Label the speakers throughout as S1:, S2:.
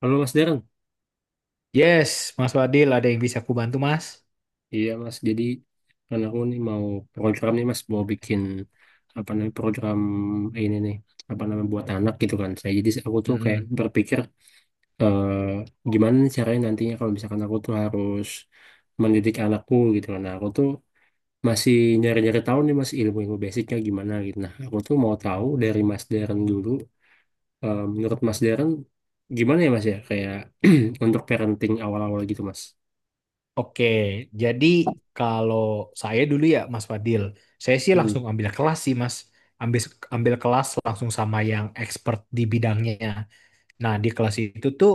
S1: Halo Mas Darren,
S2: Yes, Mas Fadil, ada yang bisa aku bantu, Mas?
S1: iya Mas. Jadi kan aku nih mau program nih Mas, mau bikin apa namanya program ini nih apa namanya buat anak gitu kan. Saya jadi aku tuh kayak
S2: Mm-mm.
S1: berpikir, eh, gimana nih caranya nantinya kalau misalkan aku tuh harus mendidik anakku gitu kan. Nah, aku tuh masih nyari-nyari tahu nih Mas ilmu-ilmu basicnya gimana gitu. Nah, aku tuh mau tahu dari Mas Darren dulu. Menurut Mas Darren gimana ya Mas ya kayak untuk parenting awal-awal gitu Mas?
S2: Oke, jadi kalau saya dulu ya, Mas Fadil, saya sih
S1: Hmm.
S2: langsung ambil kelas sih, Mas. Ambil ambil kelas langsung sama yang expert di bidangnya. Nah, di kelas itu tuh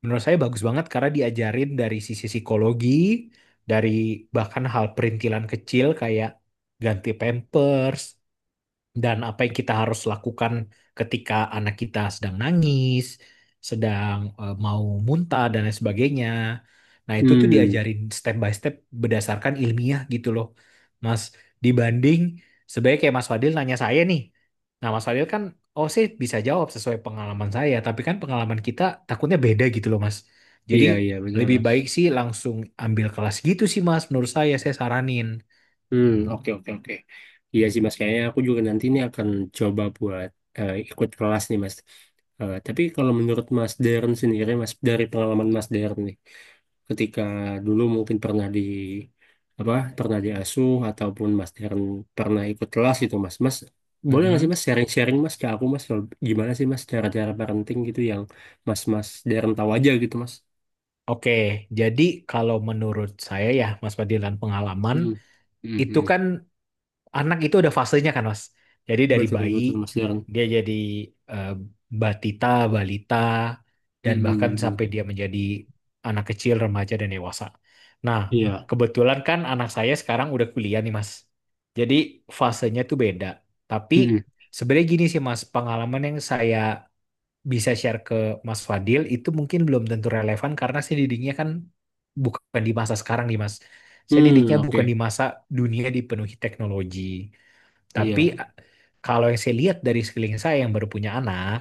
S2: menurut saya bagus banget karena diajarin dari sisi psikologi, dari bahkan hal perintilan kecil kayak ganti pampers, dan apa yang kita harus lakukan ketika anak kita sedang nangis, sedang mau muntah dan lain sebagainya. Nah, itu tuh
S1: Hmm.
S2: diajarin step by step berdasarkan ilmiah gitu loh. Mas, dibanding sebaiknya kayak Mas Fadil nanya saya nih. Nah, Mas Fadil kan oh sih bisa jawab sesuai pengalaman saya, tapi kan pengalaman kita takutnya beda gitu loh, Mas. Jadi
S1: Iya, iya, betul,
S2: lebih
S1: Mas.
S2: baik sih langsung ambil kelas gitu sih, Mas. Menurut saya saranin.
S1: Hmm, oke, oke, oke. Iya sih, Mas. Kayaknya aku juga nanti ini akan coba buat, ikut kelas nih, Mas. Tapi kalau menurut Mas Deren sendiri, Mas, dari pengalaman Mas Deren nih, ketika dulu mungkin pernah di apa, pernah diasuh ataupun Mas Deren pernah ikut kelas gitu, Mas. Mas, boleh nggak sih
S2: Mm-mm.
S1: Mas sharing-sharing Mas ke aku, Mas, kalau gimana sih Mas cara-cara parenting gitu yang Mas Mas Deren tahu aja gitu, Mas.
S2: Oke, jadi kalau menurut saya ya, Mas Fadil dan pengalaman
S1: Hmm. Hmm,
S2: itu
S1: hmm.
S2: kan anak itu ada fasenya kan, Mas. Jadi dari
S1: Betul,
S2: bayi
S1: betul, Mas Deren.
S2: dia jadi eh, batita, balita,
S1: Hmm,
S2: dan
S1: hmm,
S2: bahkan
S1: hmm.
S2: sampai dia menjadi anak kecil, remaja dan dewasa. Nah,
S1: Iya.
S2: kebetulan kan anak saya sekarang udah kuliah nih, Mas. Jadi fasenya tuh beda. Tapi
S1: Mm-mm.
S2: sebenarnya gini sih, Mas, pengalaman yang saya bisa share ke Mas Fadil itu mungkin belum tentu relevan karena saya didiknya kan bukan di masa sekarang nih Mas. Saya
S1: Hmm,
S2: didiknya bukan
S1: oke.
S2: di masa dunia dipenuhi teknologi. Tapi
S1: Iya.
S2: a- Kalau yang saya lihat dari sekeliling saya yang baru punya anak,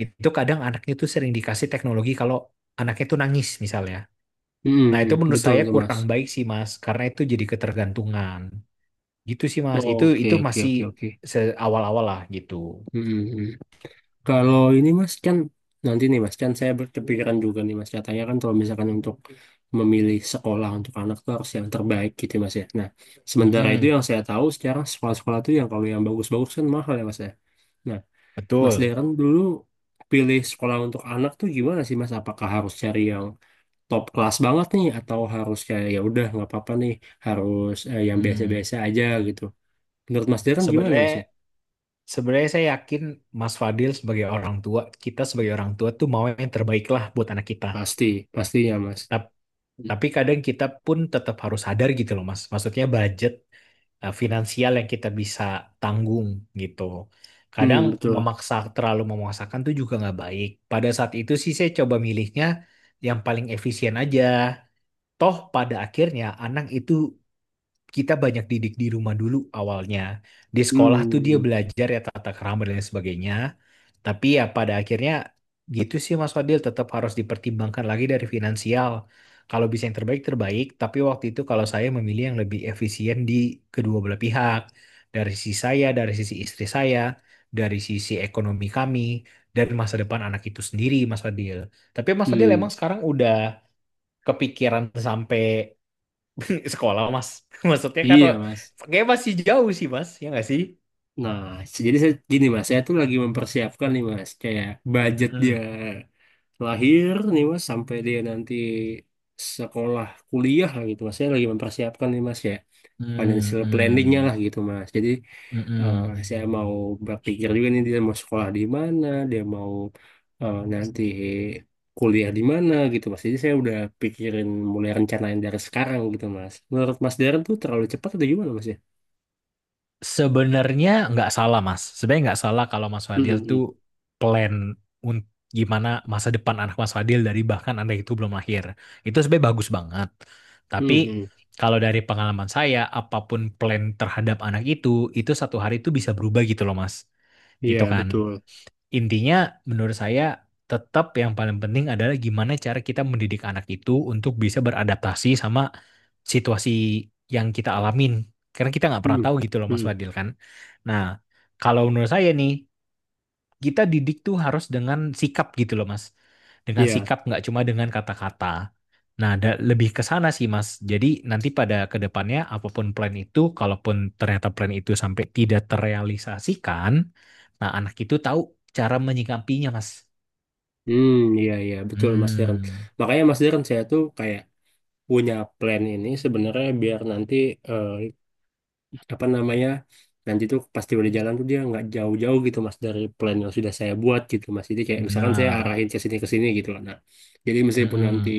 S2: itu kadang anaknya tuh sering dikasih teknologi kalau anaknya tuh nangis misalnya.
S1: Mm-mm,
S2: Nah, itu
S1: mm.
S2: menurut
S1: Betul
S2: saya
S1: tuh, Mas.
S2: kurang baik sih Mas karena itu jadi ketergantungan. Gitu sih Mas. Itu
S1: Oke,
S2: itu
S1: oke,
S2: masih
S1: oke, oke.
S2: seawal-awal lah gitu.
S1: Mm-mm, mm. Kalau ini, Mas, kan nanti nih, Mas, kan saya berkepikiran juga nih, Mas. Katanya kan kalau misalkan untuk memilih sekolah untuk anak tuh harus yang terbaik gitu, Mas ya. Nah, sementara itu
S2: Mm-mm,
S1: yang saya tahu sekarang sekolah-sekolah itu yang kalau yang bagus-bagus kan mahal ya, Mas ya. Nah, Mas
S2: betul.
S1: Darren dulu pilih sekolah untuk anak tuh gimana sih, Mas? Apakah harus cari yang top kelas banget nih atau harus kayak ya udah nggak apa-apa nih harus, yang
S2: Hmm.
S1: biasa-biasa aja gitu. Menurut Mas Darren gimana Mas ya?
S2: Sebenarnya Sebenarnya saya yakin Mas Fadil sebagai orang tua, kita sebagai orang tua tuh mau yang terbaik lah buat anak kita.
S1: Pasti, pastinya Mas.
S2: Tap- Tapi kadang kita pun tetap harus sadar gitu loh Mas. Maksudnya budget finansial yang kita bisa tanggung gitu. Kadang
S1: Hmm, betul.
S2: memaksa, terlalu memaksakan tuh juga nggak baik. Pada saat itu sih saya coba milihnya yang paling efisien aja. Toh pada akhirnya anak itu kita banyak didik di rumah dulu awalnya. Di sekolah tuh dia
S1: Hmm,
S2: belajar ya tata kerama dan lain sebagainya. Tapi ya pada akhirnya gitu sih Mas Fadil tetap harus dipertimbangkan lagi dari finansial. Kalau bisa yang terbaik terbaik, tapi waktu itu kalau saya memilih yang lebih efisien di kedua belah pihak. Dari sisi saya, dari sisi istri saya, dari sisi ekonomi kami, dari masa depan anak itu sendiri Mas Fadil. Tapi Mas Fadil
S1: hmm,
S2: emang sekarang udah kepikiran sampai sekolah Mas. Maksudnya kan
S1: iya Mas.
S2: kayak masih jauh sih Mas, ya nggak sih?
S1: Nah, jadi saya gini Mas, saya tuh lagi mempersiapkan nih Mas, kayak budget dia
S2: Mm-mm.
S1: lahir nih Mas sampai dia nanti sekolah kuliah lah gitu Mas. Saya lagi mempersiapkan nih Mas ya. Financial planningnya lah
S2: Mm-mm.
S1: gitu Mas. Jadi, eh,
S2: Mm-mm.
S1: saya mau berpikir juga nih dia mau sekolah di mana, dia mau, nanti kuliah di mana gitu Mas. Jadi saya udah pikirin mulai rencanain dari sekarang gitu Mas. Menurut Mas Darren tuh terlalu cepat atau gimana Mas ya?
S2: Sebenarnya nggak salah Mas. Sebenarnya nggak salah kalau Mas
S1: Hmm,
S2: Fadil
S1: hmm, hmm.
S2: tuh plan untuk gimana masa depan anak Mas Fadil dari bahkan anak itu belum lahir. Itu sebenarnya bagus banget. Tapi
S1: Hmm, hmm.
S2: kalau dari pengalaman saya, apapun plan terhadap anak itu satu hari itu bisa berubah gitu loh Mas. Gitu
S1: Iya
S2: kan.
S1: betul.
S2: Intinya menurut saya tetap yang paling penting adalah gimana cara kita mendidik anak itu untuk bisa beradaptasi sama situasi yang kita alamin. Karena kita nggak pernah
S1: Hmm,
S2: tahu gitu loh Mas
S1: hmm.
S2: Fadil kan. Nah, kalau menurut saya nih kita didik tuh harus dengan sikap gitu loh Mas. Dengan
S1: Iya.
S2: sikap nggak cuma dengan kata-kata. Nah, ada lebih ke sana sih Mas. Jadi nanti pada kedepannya apapun plan itu, kalaupun ternyata plan itu sampai tidak terrealisasikan, nah anak itu tahu cara menyikapinya Mas.
S1: Hmm, iya iya betul Mas Darren.
S2: Hmm,
S1: Makanya Mas Darren saya tuh kayak punya plan ini sebenarnya biar nanti, eh, apa namanya nanti tuh pasti udah jalan tuh dia nggak jauh-jauh gitu mas dari plan yang sudah saya buat gitu mas jadi kayak misalkan saya
S2: benar.
S1: arahin ke sini gitu lah. Nah, jadi meskipun nanti
S2: Mm-mm.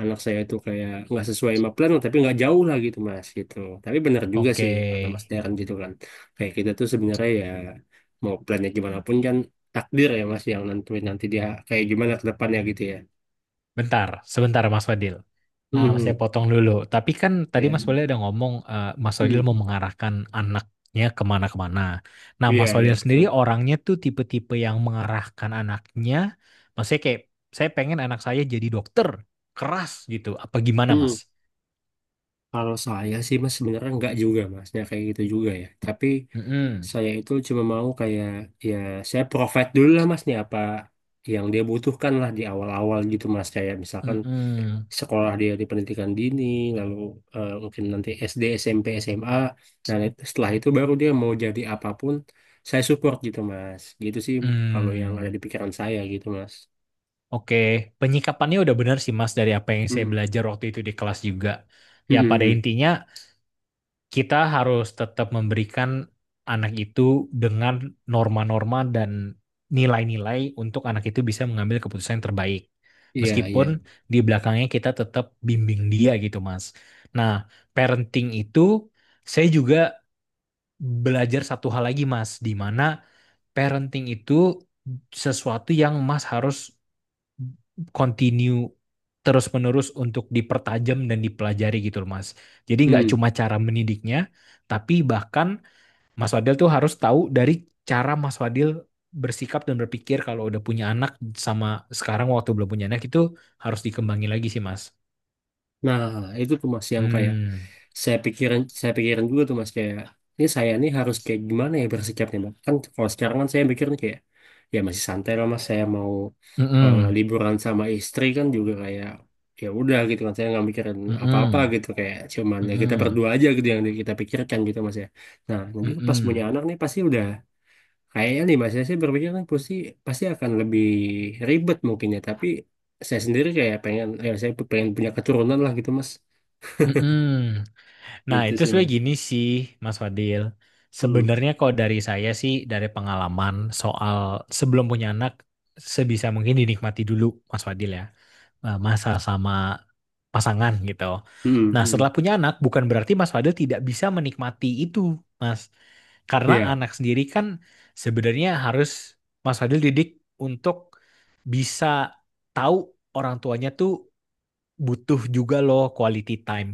S1: anak saya tuh kayak nggak sesuai sama plan tapi nggak jauh lah gitu mas gitu. Tapi benar juga
S2: Oke,
S1: sih ya, kata mas Darren gitu kan, kayak kita tuh sebenarnya ya mau plannya gimana pun kan takdir ya mas yang nanti nanti dia kayak gimana ke depannya gitu ya.
S2: bentar, sebentar Mas Fadil. Ah, saya
S1: Hmm,
S2: potong dulu. Tapi kan tadi
S1: ya.
S2: Mas Solil ada ngomong Mas Solil
S1: Hmm,
S2: mau mengarahkan anaknya kemana-kemana. Nah,
S1: iya
S2: Mas
S1: iya
S2: Solil sendiri
S1: betul.
S2: orangnya tuh tipe-tipe yang mengarahkan anaknya. Maksudnya kayak saya pengen anak saya jadi dokter keras gitu. Apa gimana,
S1: Hmm.
S2: Mas?
S1: Kalau saya sih mas sebenarnya nggak juga mas, ya kayak gitu juga ya. Tapi
S2: Mm-mm.
S1: saya itu cuma mau kayak ya saya provide dulu lah mas nih apa yang dia butuhkan lah di awal-awal gitu mas. Kayak misalkan
S2: Mm-mm.
S1: sekolah dia di pendidikan dini, lalu, mungkin nanti SD, SMP, SMA. Nah, setelah itu baru dia mau jadi apapun saya support gitu mas. Gitu sih kalau yang ada
S2: Hmm.
S1: di pikiran saya gitu mas.
S2: Oke, penyikapannya udah benar sih Mas dari apa yang saya
S1: Hmm,
S2: belajar waktu itu di kelas juga.
S1: hmm,
S2: Ya
S1: hmm,
S2: pada
S1: hmm.
S2: intinya kita harus tetap memberikan anak itu dengan norma-norma dan nilai-nilai untuk anak itu bisa mengambil keputusan yang terbaik.
S1: Iya iya.
S2: Meskipun di belakangnya kita tetap bimbing dia gitu, Mas. Nah, parenting itu saya juga belajar satu hal lagi, Mas, di mana parenting itu sesuatu yang Mas harus continue terus-menerus untuk dipertajam dan dipelajari gitu loh Mas. Jadi nggak
S1: Hmm.
S2: cuma cara mendidiknya, tapi bahkan Mas Wadil tuh harus tahu dari cara Mas Wadil bersikap dan berpikir kalau udah punya anak sama sekarang waktu belum punya anak itu harus dikembangin lagi sih Mas.
S1: Nah, itu tuh Mas yang kayak
S2: Hmm,
S1: saya pikirin dulu tuh Mas kayak ini saya nih harus kayak gimana ya bersikapnya Mas. Kan kalau sekarang kan saya mikirnya kayak ya masih santai lah Mas, saya mau,
S2: mm-mm,
S1: liburan sama istri kan juga kayak ya udah gitu kan saya nggak mikirin apa-apa
S2: mm-mm,
S1: gitu kayak cuman ya kita
S2: mm-mm,
S1: berdua aja gitu yang kita pikirkan gitu Mas ya. Nah, nanti pas punya
S2: mm-mm,
S1: anak nih pasti udah. Kayaknya nih Mas, saya sih berpikir kan pasti pasti akan lebih ribet mungkin ya, tapi saya sendiri kayak pengen ya saya pengen punya keturunan lah gitu Mas.
S2: mm-mm, mm-mm. Nah,
S1: Itu
S2: itu
S1: sih
S2: sebenarnya
S1: Mas.
S2: gini sih, Mas Fadil.
S1: Hmm.
S2: Sebenarnya kalau dari saya sih, dari pengalaman soal sebelum punya anak, sebisa mungkin dinikmati dulu, Mas Fadil ya. Masa sama pasangan gitu.
S1: Hmm,
S2: Nah,
S1: hmm.
S2: setelah punya anak, bukan berarti Mas Fadil tidak bisa menikmati itu, Mas. Karena
S1: Iya.
S2: anak sendiri kan sebenarnya harus Mas Fadil didik untuk bisa tahu orang tuanya tuh butuh juga loh quality time,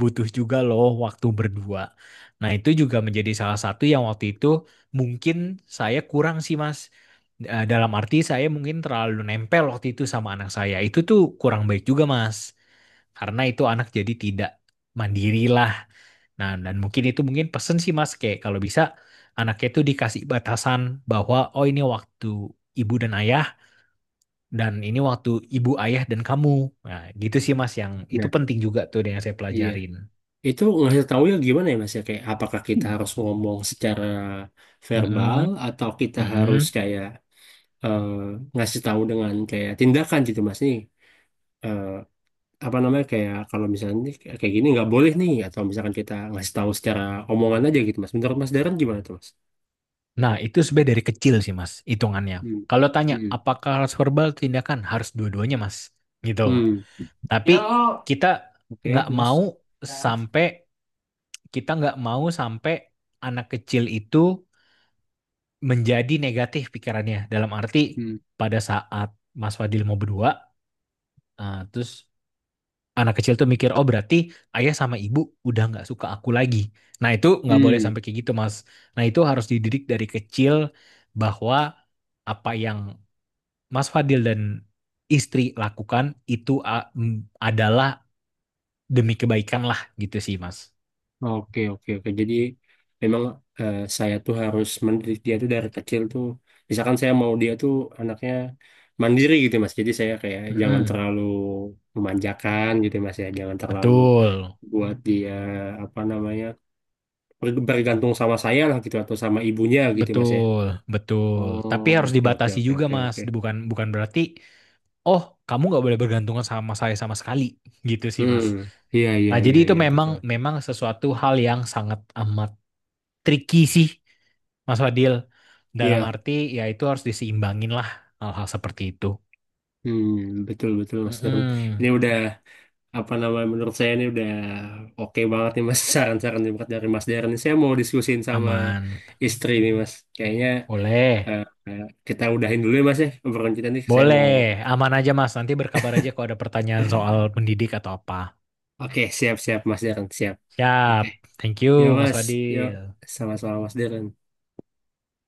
S2: butuh juga loh waktu berdua. Nah, itu juga menjadi salah satu yang waktu itu mungkin saya kurang sih, Mas. Dalam arti saya mungkin terlalu nempel waktu itu sama anak saya. Itu tuh kurang baik juga, Mas. Karena itu anak jadi tidak mandiri lah. Nah, dan mungkin itu mungkin pesen sih, Mas, kayak kalau bisa anaknya itu dikasih batasan bahwa oh ini waktu ibu dan ayah dan ini waktu ibu ayah dan kamu nah gitu sih mas yang itu
S1: Nah,
S2: penting juga tuh yang saya
S1: iya.
S2: pelajarin.
S1: Itu ngasih taunya gimana ya Mas ya kayak apakah kita
S2: Hmm.
S1: harus ngomong secara verbal
S2: Mm-mm,
S1: atau kita harus
S2: mm-mm.
S1: kayak, eh, ngasih tahu dengan kayak tindakan gitu Mas nih. Eh, Apa namanya kayak kalau misalnya nih, kayak gini nggak boleh nih atau misalkan kita ngasih tahu secara omongan aja gitu mas, menurut mas Darren gimana tuh mas.
S2: Nah, itu sebenarnya dari kecil sih, Mas, hitungannya.
S1: Hmm,
S2: Kalau tanya
S1: hmm,
S2: apakah harus verbal tindakan, harus dua-duanya, Mas. Gitu.
S1: hmm.
S2: Tapi
S1: Yuk.
S2: kita
S1: Oke
S2: nggak
S1: mas.
S2: mau
S1: Ya.
S2: sampai kita nggak mau sampai anak kecil itu menjadi negatif pikirannya. Dalam arti
S1: Hmm,
S2: pada saat Mas Fadil mau berdua, terus anak kecil tuh mikir, oh berarti ayah sama ibu udah nggak suka aku lagi. Nah itu nggak boleh
S1: hmm.
S2: sampai kayak gitu Mas. Nah itu harus dididik dari kecil bahwa apa yang Mas Fadil dan istri lakukan itu adalah demi kebaikan lah gitu sih Mas.
S1: Oke, oke, oke, jadi memang, saya tuh harus mendidik dia tuh dari kecil tuh misalkan saya mau dia tuh anaknya mandiri gitu mas jadi saya kayak jangan
S2: Mm-mm.
S1: terlalu memanjakan gitu mas ya, jangan terlalu
S2: Betul,
S1: buat dia apa namanya, bergantung sama saya lah gitu atau sama ibunya gitu Mas ya.
S2: betul, betul.
S1: Oh,
S2: Tapi harus
S1: oke oke
S2: dibatasi
S1: oke
S2: juga
S1: oke
S2: Mas.
S1: oke.
S2: Bukan bukan berarti, oh kamu nggak boleh bergantungan sama saya sama sekali gitu sih Mas.
S1: Hmm, iya iya
S2: Nah, jadi
S1: iya
S2: itu
S1: iya
S2: memang
S1: betul.
S2: memang sesuatu hal yang sangat amat tricky sih, Mas Fadil. Dalam
S1: Iya,
S2: arti ya itu harus diseimbangin lah hal-hal seperti itu.
S1: hmm, betul betul Mas Darren.
S2: Mm-mm,
S1: Ini udah apa namanya menurut saya ini udah oke banget nih Mas saran-saran yang buat dari Mas Darren. Ini Saya mau diskusin sama
S2: aman.
S1: istri nih Mas. Kayaknya,
S2: Boleh.
S1: eh, eh, kita udahin dulu ya Mas ya obrolan kita nih. Saya
S2: Boleh.
S1: mau.
S2: Aman aja, Mas. Nanti berkabar aja kalau ada pertanyaan soal pendidik atau apa.
S1: Oke, siap siap Mas Darren, siap. Oke.
S2: Siap. Thank
S1: Ya
S2: you, Mas
S1: Mas, yuk
S2: Fadil.
S1: sama-sama Mas Darren.